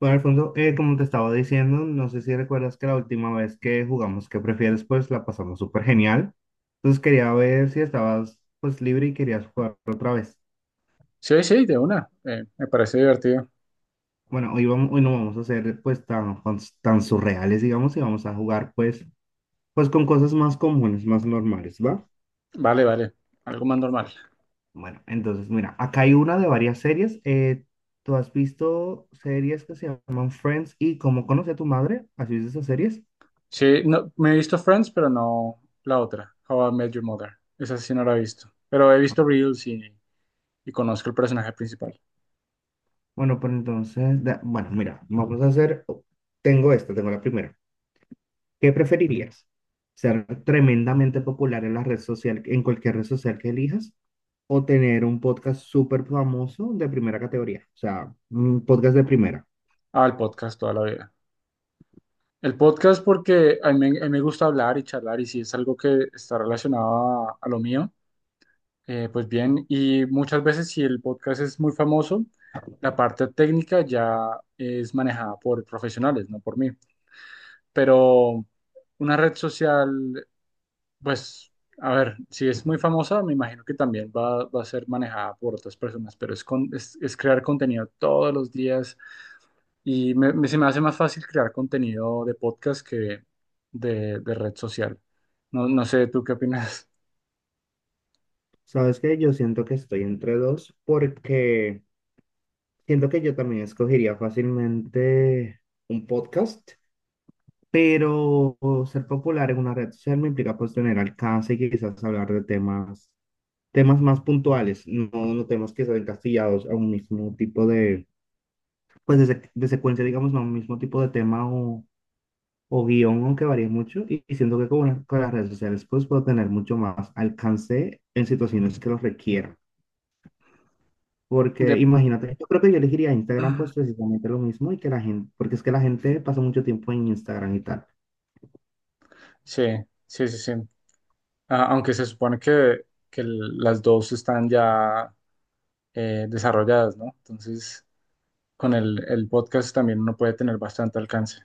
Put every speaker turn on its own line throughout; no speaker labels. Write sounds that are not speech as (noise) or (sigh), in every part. Bueno, Alfonso, como te estaba diciendo, no sé si recuerdas que la última vez que jugamos ¿Qué prefieres? Pues la pasamos súper genial. Entonces quería ver si estabas pues libre y querías jugar otra vez.
Sí, sí, de una. Me parece divertido.
Bueno, hoy, vamos, hoy no vamos a ser pues tan, tan surreales, digamos, y vamos a jugar pues, pues con cosas más comunes, más normales, ¿va?
Vale, vale. Algo más normal.
Bueno, entonces mira, acá hay una de varias series. ¿Tú has visto series que se llaman Friends y Cómo conoce a tu madre? ¿Has visto esas series?
Sí, no, me he visto Friends, pero no la otra, How I Met Your Mother. Esa sí no la he visto. Pero he visto Reels y conozco el personaje principal.
Bueno, pues entonces, bueno, mira, vamos a hacer, tengo esta, tengo la primera. ¿Qué preferirías? ¿Ser tremendamente popular en la red social, en cualquier red social que elijas? ¿O tener un podcast súper famoso de primera categoría? O sea, un podcast de primera.
Ah, el podcast toda la vida. El podcast porque a mí me gusta hablar y charlar, y si es algo que está relacionado a lo mío, pues bien. Y muchas veces si el podcast es muy famoso, la parte técnica ya es manejada por profesionales, no por mí. Pero una red social, pues, a ver, si es muy famosa, me imagino que también va a ser manejada por otras personas, pero es crear contenido todos los días, y se me hace más fácil crear contenido de podcast que de red social. No, no sé, ¿tú qué opinas?
¿Sabes qué? Yo siento que estoy entre dos porque siento que yo también escogería fácilmente un podcast. Pero ser popular en una red social me implica pues tener alcance y quizás hablar de temas temas más puntuales, no, no temas que sean encastillados a un mismo tipo de, pues de, de secuencia, digamos, no a un mismo tipo de tema o guión, aunque varíe mucho, y siento que con las redes sociales pues puedo tener mucho más alcance en situaciones que lo requieran. Porque
De...
imagínate, yo creo que yo elegiría Instagram pues
(clears throat)
precisamente lo mismo y que la gente, porque es que la gente pasa mucho tiempo en Instagram y tal.
Sí, sí, sí, sí. Ah, aunque se supone que, que las dos están ya desarrolladas, ¿no? Entonces, con el podcast también uno puede tener bastante alcance.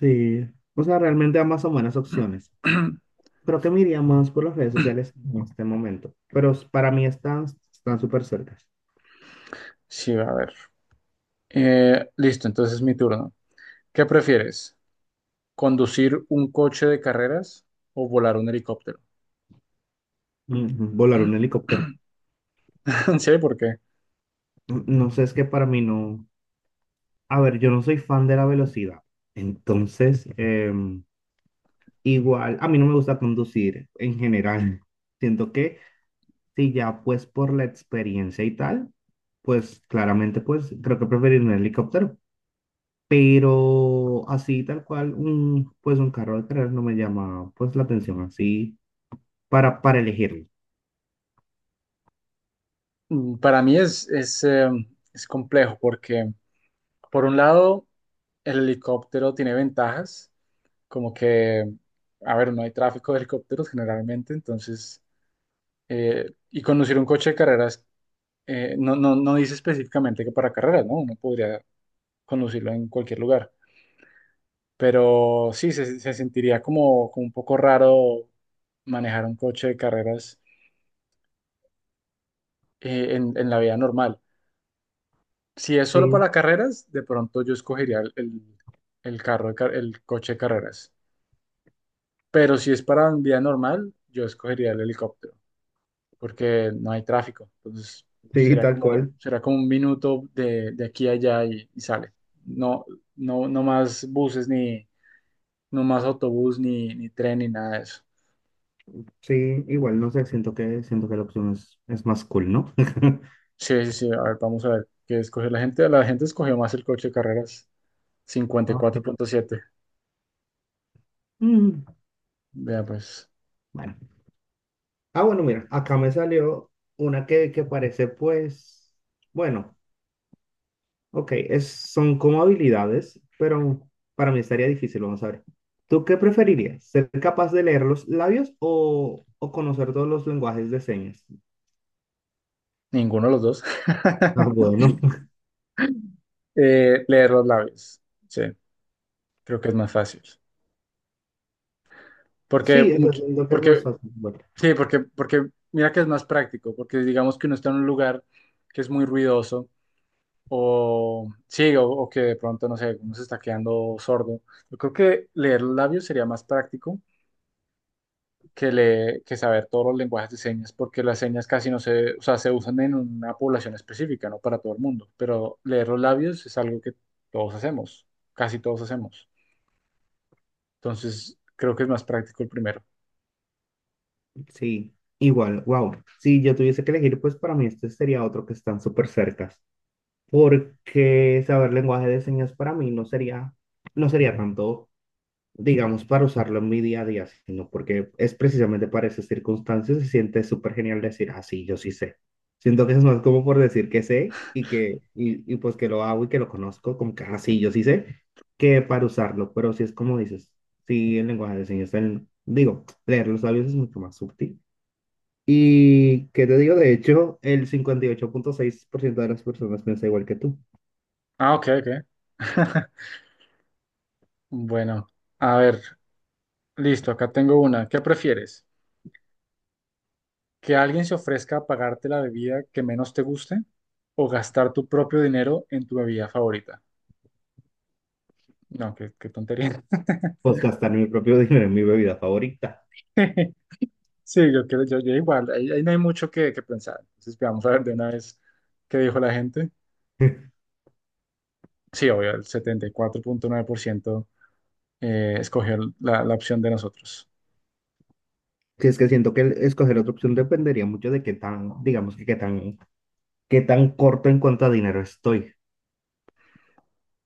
Sí, o sea, realmente ambas son buenas opciones.
(clears throat)
Creo que me iría más por las redes sociales en este momento, pero para mí están están súper cerca.
Sí, a ver. Listo, entonces es mi turno. ¿Qué prefieres? ¿Conducir un coche de carreras o volar un helicóptero?
Mm, volar un
(laughs)
helicóptero.
¿En serio? ¿Por qué?
Mm, no sé, es que para mí no. A ver, yo no soy fan de la velocidad. Entonces, igual, a mí no me gusta conducir en general. Siento que si ya pues por la experiencia y tal, pues claramente pues creo que preferir un helicóptero. Pero así tal cual, pues un carro de carreras no me llama pues la atención así para elegirlo.
Para mí es complejo porque, por un lado, el helicóptero tiene ventajas, como que, a ver, no hay tráfico de helicópteros generalmente. Entonces, y conducir un coche de carreras, no, no, no dice específicamente que para carreras, ¿no? Uno podría conducirlo en cualquier lugar. Pero sí, se sentiría como un poco raro manejar un coche de carreras en la vida normal. Si es solo
Sí,
para carreras, de pronto yo escogería el coche de carreras. Pero si es para vida normal, yo escogería el helicóptero, porque no hay tráfico. Entonces,
sí,
será
tal
como,
cual.
será como un minuto de aquí a allá, y sale. No, no, no más buses, ni, no más autobús, ni tren, ni nada de eso.
Sí, igual, no sé, siento que la opción es más cool, ¿no? (laughs)
Sí, sí, sí. A ver, vamos a ver qué escogió la gente. La gente escogió más el coche de carreras, cincuenta y
Ah,
cuatro
mira.
punto siete.
Mm,
Vea, pues,
bueno. Ah, bueno, mira, acá me salió una que parece, pues, bueno, ok, es, son como habilidades, pero para mí estaría difícil, vamos a ver. ¿Tú qué preferirías? ¿Ser capaz de leer los labios o conocer todos los lenguajes de señas?
ninguno de los dos.
Ah,
(laughs)
bueno. (laughs)
Leer los labios. Sí, creo que es más fácil. Porque,
Sí, o sea,
much-
siento que es más
porque,
fácil. Bueno,
sí, porque, mira que es más práctico. Porque digamos que uno está en un lugar que es muy ruidoso. Sí, o que de pronto, no sé, uno se está quedando sordo. Yo creo que leer los labios sería más práctico que saber todos los lenguajes de señas, porque las señas casi no se, o sea, se usan en una población específica, no para todo el mundo, pero leer los labios es algo que todos hacemos, casi todos hacemos. Entonces, creo que es más práctico el primero.
sí, igual, wow. Si yo tuviese que elegir, pues para mí este sería otro que están súper cerca. Porque saber lenguaje de señas para mí no sería, no sería tanto, digamos, para usarlo en mi día a día, sino porque es precisamente para esas circunstancias, se siente súper genial decir, ah, sí, yo sí sé. Siento que eso es más como por decir que sé y que, y pues que lo hago y que lo conozco, como que, ah, sí, yo sí sé, que para usarlo, pero si es como dices, sí, el lenguaje de señas, digo, leer los labios es mucho más sutil. Y que te digo, de hecho, el 58,6% de las personas piensa igual que tú.
Ah, ok, ok. (laughs) Bueno, a ver, listo, acá tengo una. ¿Qué prefieres? ¿Que alguien se ofrezca a pagarte la bebida que menos te guste o gastar tu propio dinero en tu bebida favorita? No, qué tontería.
Pues gastar mi propio dinero en mi bebida favorita.
(laughs) Sí, yo creo, yo igual, ahí no hay mucho que pensar. Entonces, vamos a ver de una vez qué dijo la gente.
(laughs)
Sí, obvio, el 74,9% escogió la opción de nosotros.
Si es que siento que el escoger otra opción dependería mucho de qué tan, digamos que qué tan corto en cuanto a dinero estoy.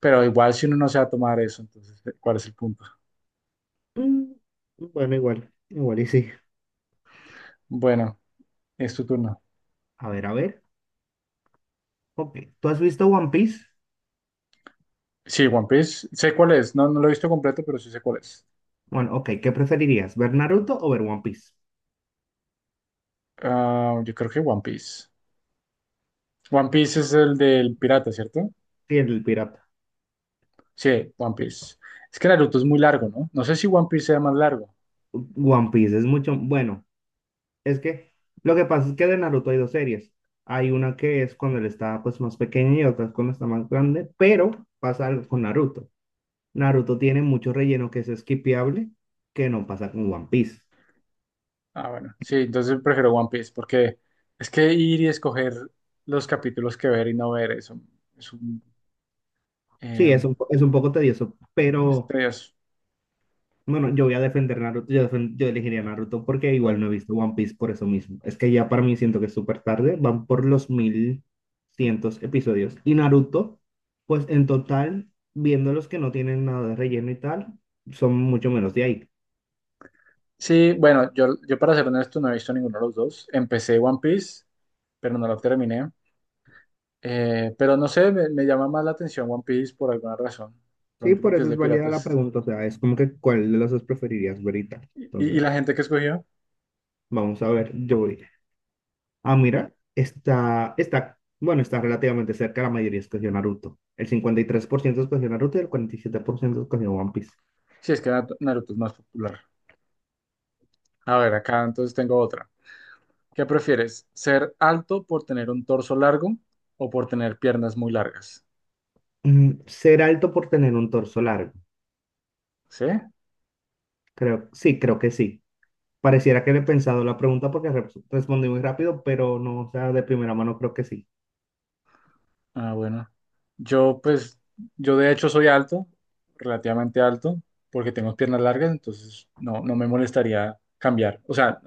Pero igual, si uno no se va a tomar eso, entonces, ¿cuál es el punto?
Mm, bueno, igual, igual y sí.
Bueno, es tu turno.
A ver, a ver. Ok, ¿tú has visto One Piece?
Sí, One Piece, sé cuál es, no, no lo he visto completo, pero sí sé cuál es.
Bueno, ok, ¿qué preferirías? ¿Ver Naruto o ver One Piece?
Ah, yo creo que One Piece. One Piece es el del pirata, ¿cierto?
Sí, el pirata.
Sí, One Piece. Es que Naruto es muy largo, ¿no? No sé si One Piece sea más largo.
One Piece es mucho, bueno, es que lo que pasa es que de Naruto hay dos series. Hay una que es cuando él está pues más pequeño y otra es cuando está más grande, pero pasa algo con Naruto. Naruto tiene mucho relleno que es skipeable, que no pasa con One Piece.
Ah, bueno, sí, entonces prefiero One Piece, porque es que ir y escoger los capítulos que ver y no ver es un eh,
Sí, es un, es un poco tedioso,
es
pero
tedioso.
bueno, yo voy a defender Naruto, yo, yo elegiría Naruto porque igual no he visto One Piece por eso mismo. Es que ya para mí siento que es súper tarde, van por los mil cientos episodios. Y Naruto, pues en total, viendo los que no tienen nada de relleno y tal, son mucho menos de ahí.
Sí, bueno, yo para ser honesto no he visto ninguno de los dos. Empecé One Piece, pero no lo terminé. Pero no sé, me llama más la atención One Piece por alguna razón.
Sí,
Pronto
por
porque es
eso es
de
válida la
piratas.
pregunta, o sea, es como que cuál de las dos preferirías ver y tal.
¿Y
Entonces,
la gente que escogió?
vamos a ver, yo voy. Ah, mira, está, está, bueno, está relativamente cerca, la mayoría escogió Naruto. El 53% escogió Naruto y el 47% escogió One Piece.
Sí, es que Naruto Naruto es más popular. A ver, acá entonces tengo otra. ¿Qué prefieres? ¿Ser alto por tener un torso largo o por tener piernas muy largas?
Mm, ser alto por tener un torso largo.
¿Sí?
Creo, sí, creo que sí. Pareciera que le he pensado la pregunta porque respondí muy rápido, pero no, o sea, de primera mano creo que sí.
Ah, bueno. Yo, pues, yo de hecho soy alto, relativamente alto, porque tengo piernas largas, entonces no, no me molestaría cambiar. O sea,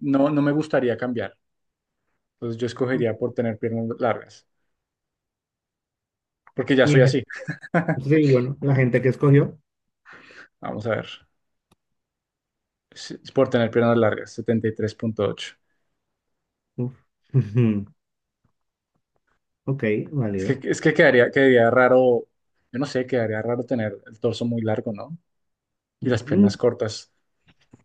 no, no me gustaría cambiar. Entonces yo escogería por tener piernas largas, porque ya
Y
soy
en gen-
así. (laughs)
Sí, bueno, la gente que escogió.
Vamos a ver. Sí, por tener piernas largas, 73,8.
Uf. (laughs) Ujú. Ok,
Es
válido.
que, es que quedaría raro, yo no sé, quedaría raro tener el torso muy largo, ¿no? Y las
Mm,
piernas cortas.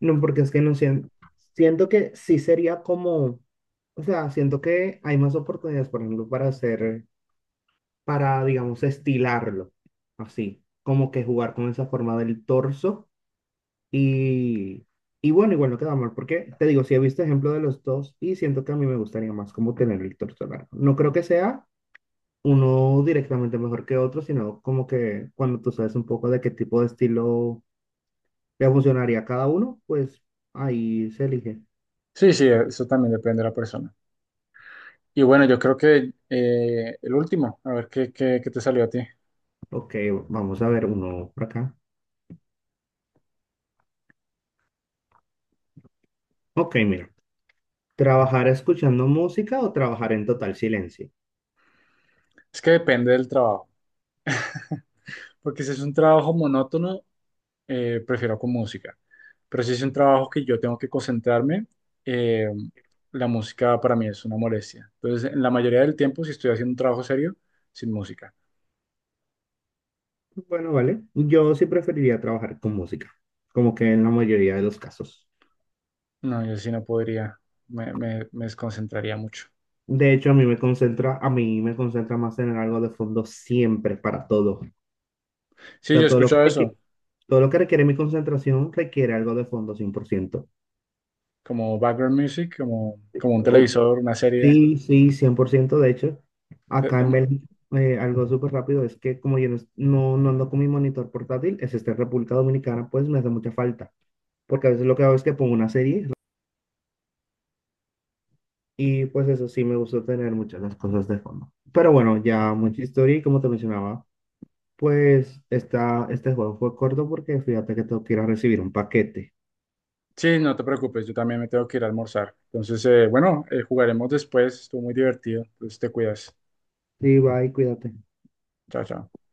no, porque es que no siento, siento que sí sería como. O sea, siento que hay más oportunidades, por ejemplo, para hacer, para, digamos, estilarlo, así, como que jugar con esa forma del torso y, y bueno, igual no queda mal, porque te digo, si he visto ejemplo de los dos y siento que a mí me gustaría más como tener el torso largo. No creo que sea uno directamente mejor que otro, sino como que cuando tú sabes un poco de qué tipo de estilo le funcionaría a cada uno, pues ahí se elige.
Sí, sí, eso también depende de la persona. Y bueno, yo creo que el último, a ver qué te salió a ti.
Ok, vamos a ver uno por acá. Ok, mira. ¿Trabajar escuchando música o trabajar en total silencio?
Es que depende del trabajo. (laughs) Porque si es un trabajo monótono, prefiero con música. Pero si es un trabajo que yo tengo que concentrarme, eh, la música para mí es una molestia. Entonces, en la mayoría del tiempo, si estoy haciendo un trabajo serio, sin música.
Bueno, vale. Yo sí preferiría trabajar con música, como que en la mayoría de los casos.
No, yo sí no podría, me desconcentraría mucho.
De hecho, a mí me concentra, a mí me concentra más tener algo de fondo siempre para todo. O
Sí, yo
sea,
he
todo lo que
escuchado eso,
requiere, todo lo que requiere mi concentración requiere algo de fondo 100%.
como background music, como un
O-
televisor, una serie.
sí, sí, 100%. De hecho,
Te-
acá
te-
en Bélgica, algo súper rápido es que como yo no, no no ando con mi monitor portátil, es este en República Dominicana, pues me hace mucha falta. Porque a veces lo que hago es que pongo una serie ¿no? Y pues eso sí me gusta tener muchas las cosas de fondo. Pero bueno, ya mucha historia y como te mencionaba, pues esta, este juego fue corto porque fíjate que tengo que ir a recibir un paquete.
sí, no te preocupes, yo también me tengo que ir a almorzar. Entonces, bueno, jugaremos después, estuvo muy divertido, entonces te cuidas.
Sí, bye, cuídate.
Chao, chao.